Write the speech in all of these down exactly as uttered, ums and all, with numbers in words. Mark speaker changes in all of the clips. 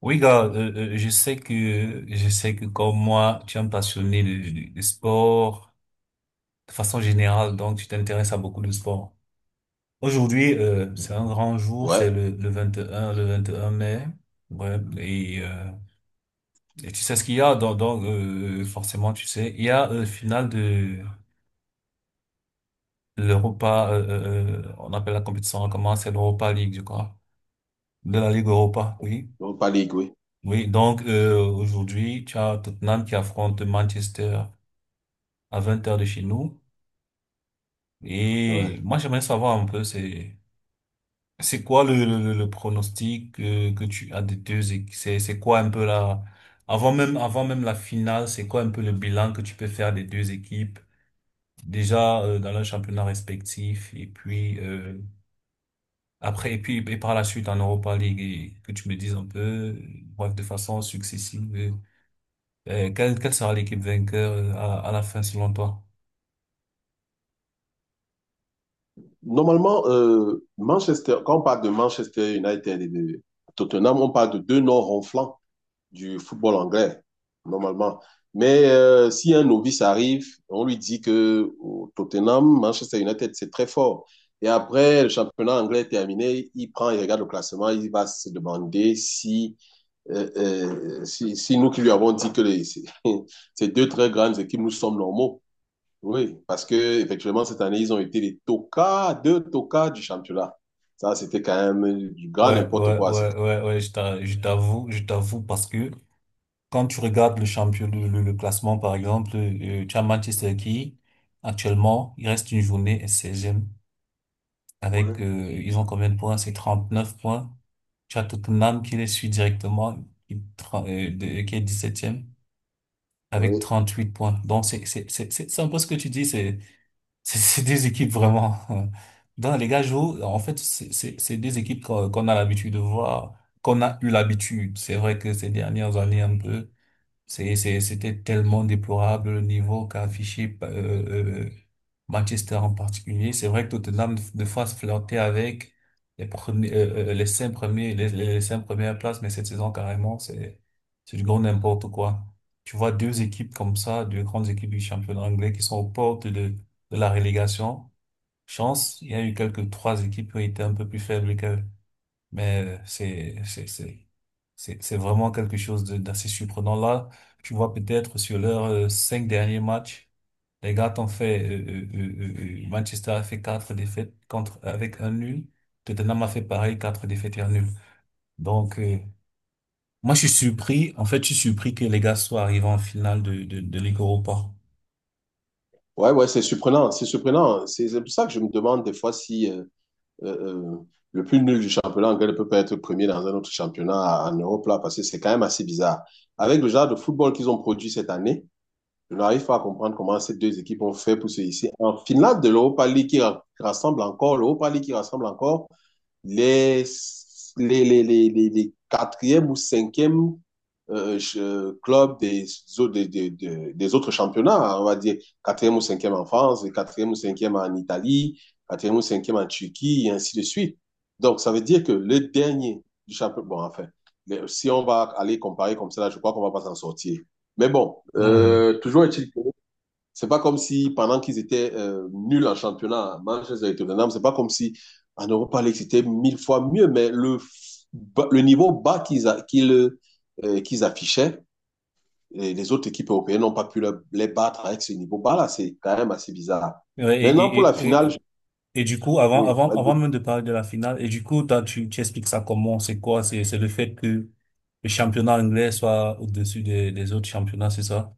Speaker 1: Oui, gars, euh, euh, je sais que, je sais que comme moi, tu es un passionné de, de, de sport de façon générale, donc tu t'intéresses à beaucoup de sport. Aujourd'hui, euh, c'est un grand jour,
Speaker 2: Ouais,
Speaker 1: c'est le, le vingt et un le vingt et un mai. Ouais, et, euh, et tu sais ce qu'il y a, donc, donc, euh, forcément, tu sais, il y a euh, finale de de l'Europa, euh, euh, euh, on appelle la compétition, hein, comment c'est l'Europa League, je crois, de la Ligue Europa, oui.
Speaker 2: donc pas League, oui.
Speaker 1: Oui, donc euh, aujourd'hui, tu as Tottenham qui affronte Manchester à vingt heures de chez nous.
Speaker 2: Ouais.
Speaker 1: Et moi, j'aimerais savoir un peu, c'est, c'est quoi le, le, le- le pronostic euh, que tu as des deux équipes? C'est, c'est quoi un peu la, avant même, avant même la finale, c'est quoi un peu le bilan que tu peux faire des deux équipes? Déjà, euh, dans leur championnat respectif et puis, euh, après, et puis, et par la suite en Europa League et que tu me dises un peu, euh, bref, de façon successive, euh, euh, quelle, quelle sera l'équipe vainqueur euh, à, à la fin selon toi?
Speaker 2: Normalement, euh, Manchester, quand on parle de Manchester United et de Tottenham, on parle de deux noms ronflants du football anglais, normalement. Mais euh, si un novice arrive, on lui dit que au Tottenham, Manchester United, c'est très fort. Et après, le championnat anglais est terminé, il prend, il regarde le classement, il va se demander si, euh, euh, si, si nous qui lui avons dit que les- ces deux très grandes équipes, nous sommes normaux. Oui, parce que effectivement cette année, ils ont été les tocards, deux tocards du championnat. Ça, c'était quand même du grand
Speaker 1: Ouais,
Speaker 2: n'importe
Speaker 1: ouais,
Speaker 2: quoi.
Speaker 1: ouais,
Speaker 2: C'est-
Speaker 1: ouais, ouais, je t'a- je t'avoue, je t'avoue parce que quand tu regardes le champion, le, le, le classement par exemple, euh, tu as Manchester qui, actuellement, il reste une journée et seize avec,
Speaker 2: Ouais.
Speaker 1: euh, ils ont combien de points? C'est trente neuf points. Tu as Tottenham qui les suit directement, qui, tra- euh, de- qui est dix septième avec
Speaker 2: Oui.
Speaker 1: trente huit points. Donc c'est, c'est, c'est, c'est c'est un peu ce que tu dis, c'est c'est c'est des équipes vraiment. Dans les gars jouent, en fait, c'est c'est- c'est des équipes qu'on qu'on a l'habitude de voir, qu'on a eu l'habitude. C'est vrai que ces dernières années, un peu. C'est, c'est, c'était tellement déplorable le niveau qu'a affiché euh, euh, Manchester en particulier. C'est vrai que Tottenham de fois flirtait avec les premiers, euh, euh, les cinq premiers, les, les les cinq premières places, mais cette saison carrément, c'est, c'est du grand n'importe quoi. Tu vois deux équipes comme ça, deux grandes équipes du championnat anglais qui sont aux portes de, de la relégation. Chance, il y a eu quelques trois équipes qui ont été un peu plus faibles mais euh, c'est, c'est, c'est, c'est c'est vraiment quelque chose de- d'assez surprenant. Là, tu vois peut-être sur leurs euh, cinq derniers matchs, les gars t'ont fait, euh, euh, euh, euh, euh, Manchester a fait quatre défaites contre, avec un nul. Tottenham a fait pareil, quatre défaites et un nul. Donc, euh, moi, je suis surpris. En fait, je suis surpris que les gars soient arrivés en finale de, de, de Ligue Europa.
Speaker 2: Ouais, ouais, c'est surprenant, c'est surprenant. C'est c'est pour ça que je me demande des fois si euh, euh, euh, le plus nul du championnat anglais ne peut pas être premier dans un autre championnat en Europe, là, parce que c'est quand même assez bizarre. Avec le genre de football qu'ils ont produit cette année, je n'arrive pas à comprendre comment ces deux équipes ont fait pour se hisser en finale de l'Europa League qui rassemble encore, l'Europa League qui rassemble encore les, les, les, les, les- les quatrième ou cinquième euh, club des, au- des, des- des- des autres championnats, on va dire quatrième ou cinquième en France, quatrième ou cinquième en Italie, quatrième ou cinquième en Turquie, et ainsi de suite. Donc, ça veut dire que le dernier du championnat, bon, enfin, le- si on va aller comparer comme ça, là, je crois qu'on ne va pas s'en sortir. Mais bon,
Speaker 1: Mhm.
Speaker 2: euh, toujours est-il que c'est pas comme si pendant qu'ils étaient euh, nuls en championnat, à Manchester et Tottenham, c'est pas comme si en Europa League c'était mille fois mieux, mais le, le niveau bas qu'ils a- qu'ils euh, qu'ils affichaient, et les autres équipes européennes n'ont pas pu le- les battre avec ce niveau bas-là. C'est quand même assez bizarre.
Speaker 1: Ouais,
Speaker 2: Maintenant,
Speaker 1: Et,
Speaker 2: pour la
Speaker 1: et,
Speaker 2: finale,
Speaker 1: et,
Speaker 2: je-
Speaker 1: Et du coup, avant,
Speaker 2: oui,
Speaker 1: avant,
Speaker 2: vas-y.
Speaker 1: avant même de parler de la finale, et du coup, toi, tu, tu expliques ça comment, c'est quoi, c'est, c'est le fait que le championnat anglais soit au-dessus des, des autres championnats, c'est ça?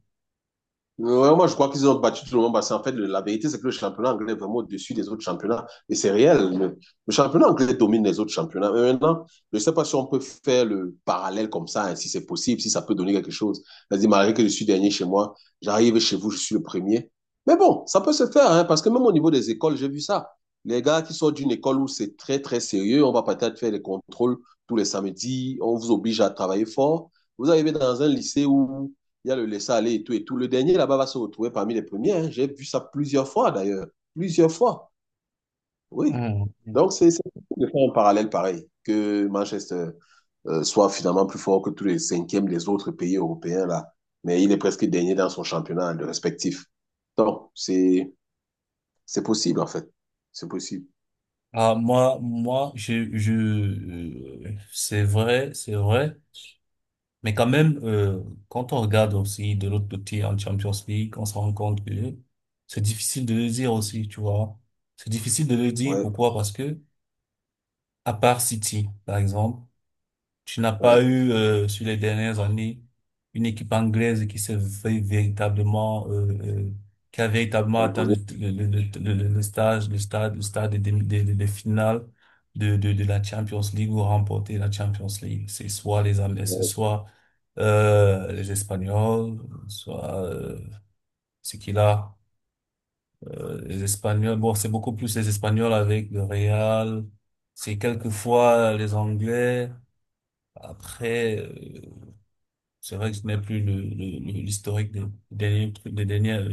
Speaker 2: Ouais, moi, je crois qu'ils ont battu tout le monde parce qu'en fait, le- la vérité, c'est que le championnat anglais est vraiment au-dessus des autres championnats. Et c'est réel. Le, le championnat anglais domine les autres championnats. Mais maintenant, je ne sais pas si on peut faire le parallèle comme ça, hein, si c'est possible, si ça peut donner quelque chose. C'est-à-dire, malgré que je suis dernier chez moi, j'arrive chez vous, je suis le premier. Mais bon, ça peut se faire, hein, parce que même au niveau des écoles, j'ai vu ça. Les gars qui sortent d'une école où c'est très, très sérieux, on va peut-être faire des contrôles tous les samedis, on vous oblige à travailler fort. Vous arrivez dans un lycée où il y a le laisser aller et tout et tout. Le dernier là-bas va se retrouver parmi les premiers. Hein. J'ai vu ça plusieurs fois d'ailleurs, plusieurs fois. Oui.
Speaker 1: Mhm. Mhm.
Speaker 2: Donc c'est c'est difficile de faire un parallèle pareil que Manchester euh, soit finalement plus fort que tous les cinquièmes des autres pays européens là, mais il est presque dernier dans son championnat le respectif. Donc c'est c'est possible en fait, c'est possible.
Speaker 1: Ah, moi, moi, je, je, euh, c'est vrai, c'est vrai, mais quand même, euh, quand on regarde aussi de l'autre côté en Champions League, on se rend compte que c'est difficile de le dire aussi, tu vois. C'est difficile de le dire,
Speaker 2: Ouais,
Speaker 1: pourquoi? Parce que, à part City, par exemple, tu n'as pas
Speaker 2: ouais.
Speaker 1: eu, euh, sur les dernières années, une équipe anglaise qui s'est vé- véritablement, euh, euh, qui a véritablement atteint le,
Speaker 2: Imposer.
Speaker 1: le, le, le, le- le stage, le stade, le stade des, demi- des, des, des finales de, de, de la Champions League ou remporter la Champions League. C'est soit les Anglais, ce
Speaker 2: Ouais.
Speaker 1: soit, euh, les Espagnols, soit, euh, ce qu'il a, euh, les Espagnols. Bon, c'est beaucoup plus les Espagnols avec le Real. C'est quelquefois les Anglais. Après, euh, c'est vrai que ce n'est plus le, le- le- l'historique des derniers, des derniers, euh,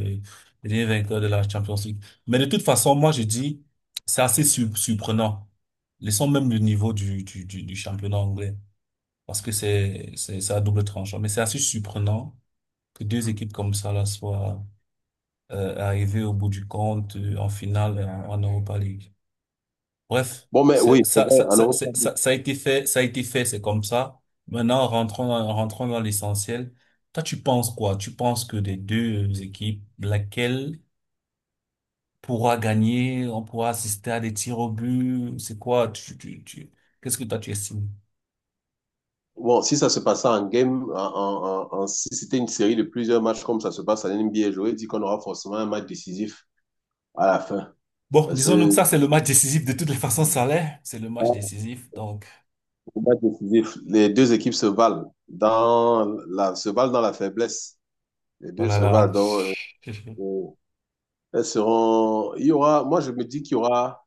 Speaker 1: des derniers vainqueurs de la Champions League. Mais de toute façon, moi, je dis, c'est assez sur- surprenant. Laissons même le niveau du, du, du, du championnat anglais. Parce que c'est, c'est, c'est à double tranchant. Mais c'est assez surprenant que deux équipes comme ça, là, soient, euh, arrivées au bout du compte, euh, en finale, en, en Europa League. Bref,
Speaker 2: Bon mais oui,
Speaker 1: c'est,
Speaker 2: c'est
Speaker 1: ça,
Speaker 2: vrai,
Speaker 1: ça,
Speaker 2: en
Speaker 1: ça,
Speaker 2: Europe,
Speaker 1: c'est- ça, ça a été fait, ça a été fait, c'est comme ça. Maintenant, rentrons dans, rentrons dans l'essentiel. Toi, tu penses quoi? Tu penses que des deux euh, équipes, laquelle pourra gagner, on pourra assister à des tirs au but, c'est quoi? Tu, tu, tu, qu'est-ce que toi tu estimes?
Speaker 2: bon, si ça se passait en game, en, en- en- en- si c'était une série de plusieurs matchs comme ça se passe en N B A, j'aurais dit qu'on aura forcément un match décisif à la fin.
Speaker 1: Bon,
Speaker 2: Parce
Speaker 1: disons donc ça,
Speaker 2: que
Speaker 1: c'est le match décisif. De toutes les façons, ça l'est. C'est le match décisif. Donc,
Speaker 2: un match décisif, les deux équipes se valent dans la, se valent dans la faiblesse. Les deux
Speaker 1: voilà
Speaker 2: se
Speaker 1: là.
Speaker 2: valent dans, euh,
Speaker 1: Là.
Speaker 2: euh, elles seront, il y aura, moi je me dis qu'il y aura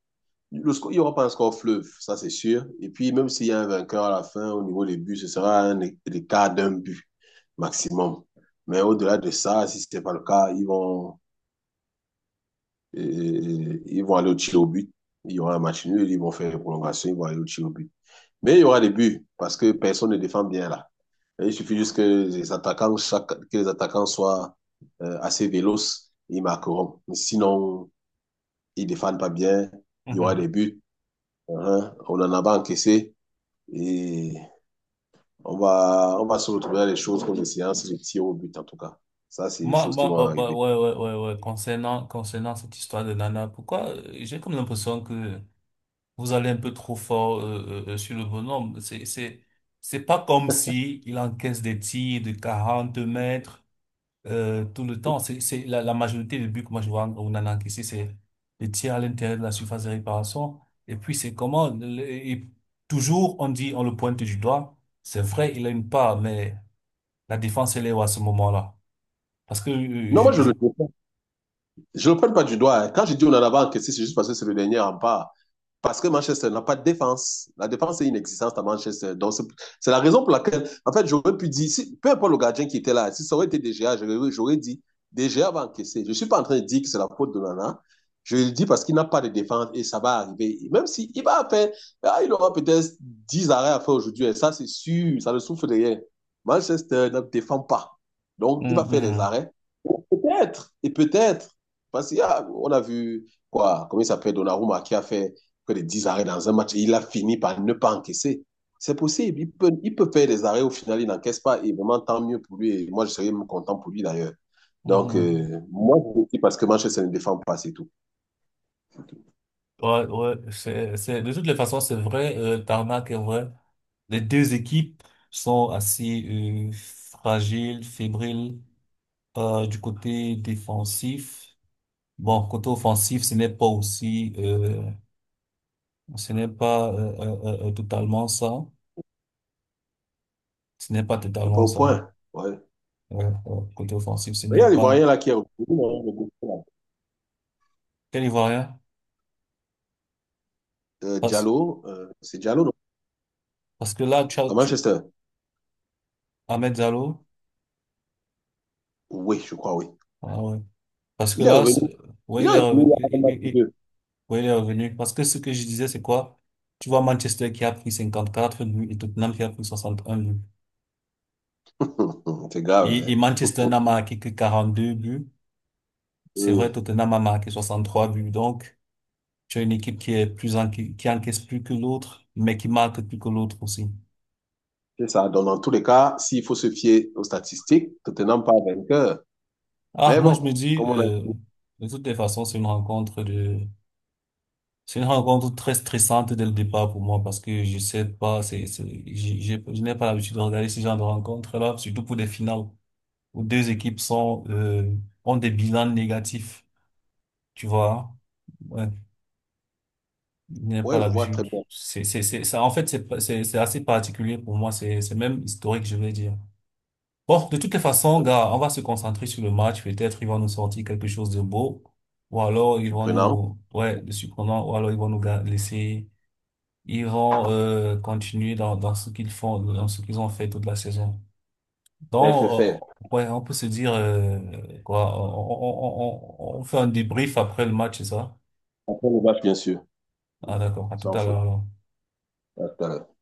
Speaker 2: Le score- il n'y aura pas un score fleuve, ça c'est sûr. Et puis, même s'il y a un vainqueur à la fin, au niveau des buts, ce sera un é- écart d'un but maximum. Mais au-delà de ça, si ce n'est pas le cas, ils vont, euh, ils vont aller au tir au but. Il y aura un match nul, ils vont faire une prolongation, ils vont aller au tir au but. Mais il y aura des buts parce que personne ne défend bien là. Et il suffit juste que les attaquants, chaque- que les attaquants soient euh, assez véloces, ils marqueront. Mais sinon, ils ne défendent pas bien, il y aura des
Speaker 1: Mhm.
Speaker 2: buts. Hein. On en a pas encaissé. Et on va, on va se retrouver à des choses comme des séances de tir au but, en tout cas. Ça, c'est des
Speaker 1: Moi,
Speaker 2: choses qui
Speaker 1: moi,
Speaker 2: vont
Speaker 1: moi, moi,
Speaker 2: arriver.
Speaker 1: ouais, ouais, ouais, ouais. Concernant, concernant cette histoire de Nana, pourquoi euh, j'ai comme l'impression que vous allez un peu trop fort euh, euh, euh, sur le bonhomme. C'est, c'est, c'est pas comme si il encaisse des tirs de quarante mètres euh, tout le temps. C'est, c'est la, la majorité des buts que moi je vois en- on en a encaissé, c'est des tirs à l'intérieur de la surface de réparation. Et puis c'est comment le- et toujours on dit on le pointe du doigt. C'est vrai, il a une part, mais la défense elle est où à ce moment-là? Parce que euh,
Speaker 2: Non,
Speaker 1: je,
Speaker 2: moi, je ne
Speaker 1: je...
Speaker 2: le, je le prends pas du doigt. Hein. Quand je dis on en a encaissé, c'est juste parce que c'est le dernier rempart. Parce que Manchester n'a pas de défense. La défense est inexistante à Manchester. Donc, c'est la raison pour laquelle, en fait, j'aurais pu dire, si, peu importe le gardien qui était là, si ça aurait été D G A, j'aurais dit, D G A va encaisser. Je ne suis pas en train de dire que c'est la faute de Nana. Je le dis parce qu'il n'a pas de défense et ça va arriver. Et même s'il si va faire, ah, il aura peut-être dix arrêts à faire aujourd'hui. Et ça, c'est sûr, ça le souffle derrière. Manchester ne défend pas. Donc, il va
Speaker 1: Mhm,
Speaker 2: faire des
Speaker 1: mhm.
Speaker 2: arrêts. Peut-être, et peut-être. Parce qu'on a, a vu, quoi, comment il s'appelle, Donnarumma, qui a fait que les dix arrêts dans un match et il a fini par ne pas encaisser. C'est possible. Il peut, il peut faire des arrêts, au final, il n'encaisse pas. Et vraiment, tant mieux pour lui. Et moi, je serais même content pour lui d'ailleurs. Donc,
Speaker 1: Mhm.
Speaker 2: euh, moi, je le dis parce que Manchester ne défend pas, c'est tout.
Speaker 1: Ouais, ouais, c'est, c'est, de toutes les façons, c'est vrai, euh, le tarmac est vrai. Les deux équipes sont assez euh, fragiles, fébriles euh, du côté défensif. Bon, côté offensif, ce n'est pas aussi, euh, ce n'est pas euh, euh, euh, euh, totalement ça. Ce n'est pas
Speaker 2: C'est pas
Speaker 1: totalement
Speaker 2: au
Speaker 1: ça.
Speaker 2: point. Ouais.
Speaker 1: Ouais, ouais, côté offensif, ce
Speaker 2: Mais il
Speaker 1: n'est
Speaker 2: y a
Speaker 1: pas.
Speaker 2: l'Ivoirien là qui est revenu, hein, le gars, là.
Speaker 1: Quel Ivoirien?
Speaker 2: Euh,
Speaker 1: Parce,
Speaker 2: Diallo, euh, c'est Diallo, non?
Speaker 1: parce que là, tu, as-
Speaker 2: À
Speaker 1: tu,
Speaker 2: Manchester.
Speaker 1: Ahmed Diallo,
Speaker 2: Oui, je crois, oui.
Speaker 1: ah ouais. Parce que
Speaker 2: Il est
Speaker 1: là,
Speaker 2: revenu.
Speaker 1: c'est-
Speaker 2: Il
Speaker 1: Ouais,
Speaker 2: est
Speaker 1: il est
Speaker 2: revenu il y
Speaker 1: revenu.
Speaker 2: a un match ou deux.
Speaker 1: Oui, il est revenu. Parce que ce que je disais, c'est quoi? Tu vois Manchester qui a pris cinquante-quatre buts et Tottenham qui a pris soixante et un buts.
Speaker 2: C'est
Speaker 1: Et,
Speaker 2: grave,
Speaker 1: et
Speaker 2: hein?
Speaker 1: Manchester n'a marqué que quarante-deux buts. C'est vrai,
Speaker 2: Oui,
Speaker 1: Tottenham a marqué soixante-trois buts. Donc, tu as une équipe qui est plus en, qui, qui encaisse plus que l'autre, mais qui marque plus que l'autre aussi.
Speaker 2: c'est ça. Donc, dans tous les cas, s'il faut se fier aux statistiques, Tottenham pas vainqueur.
Speaker 1: Ah,
Speaker 2: Mais
Speaker 1: moi, je me
Speaker 2: bon,
Speaker 1: dis,
Speaker 2: comme on a
Speaker 1: euh, de toutes les façons, c'est une rencontre de, c'est une rencontre très stressante dès le départ pour moi parce que je sais pas, c'est, c'est, j'ai- j'ai- je n'ai pas l'habitude de regarder ce genre de rencontres-là, surtout pour des finales, où deux équipes sont, euh, ont des bilans négatifs, tu vois. Ouais, il n'y a pas
Speaker 2: ouais, je vois très
Speaker 1: l'habitude.
Speaker 2: bien.
Speaker 1: C'est, c'est, c'est, ça, en fait, c'est, pas- c'est, c'est assez particulier pour moi. C'est, c'est même historique, je vais dire. Bon, de toutes les façons,
Speaker 2: Je
Speaker 1: gars, on va se concentrer sur le match. Peut-être ils vont nous sortir quelque chose de beau. Ou alors ils
Speaker 2: suis
Speaker 1: vont
Speaker 2: prenant.
Speaker 1: nous, ouais, de surprenant. Ou alors ils vont nous ga- laisser, ils vont, euh, continuer dans, dans ce qu'ils font, dans ce qu'ils ont fait toute la saison. Donc,
Speaker 2: F F L.
Speaker 1: euh, ouais, on peut se dire euh, quoi, on, on, on, on on fait un débrief après le match, c'est ça?
Speaker 2: Après le match, bien sûr.
Speaker 1: Ah d'accord, à tout
Speaker 2: Sans
Speaker 1: à
Speaker 2: faute.
Speaker 1: l'heure alors.
Speaker 2: À tout à l'heure.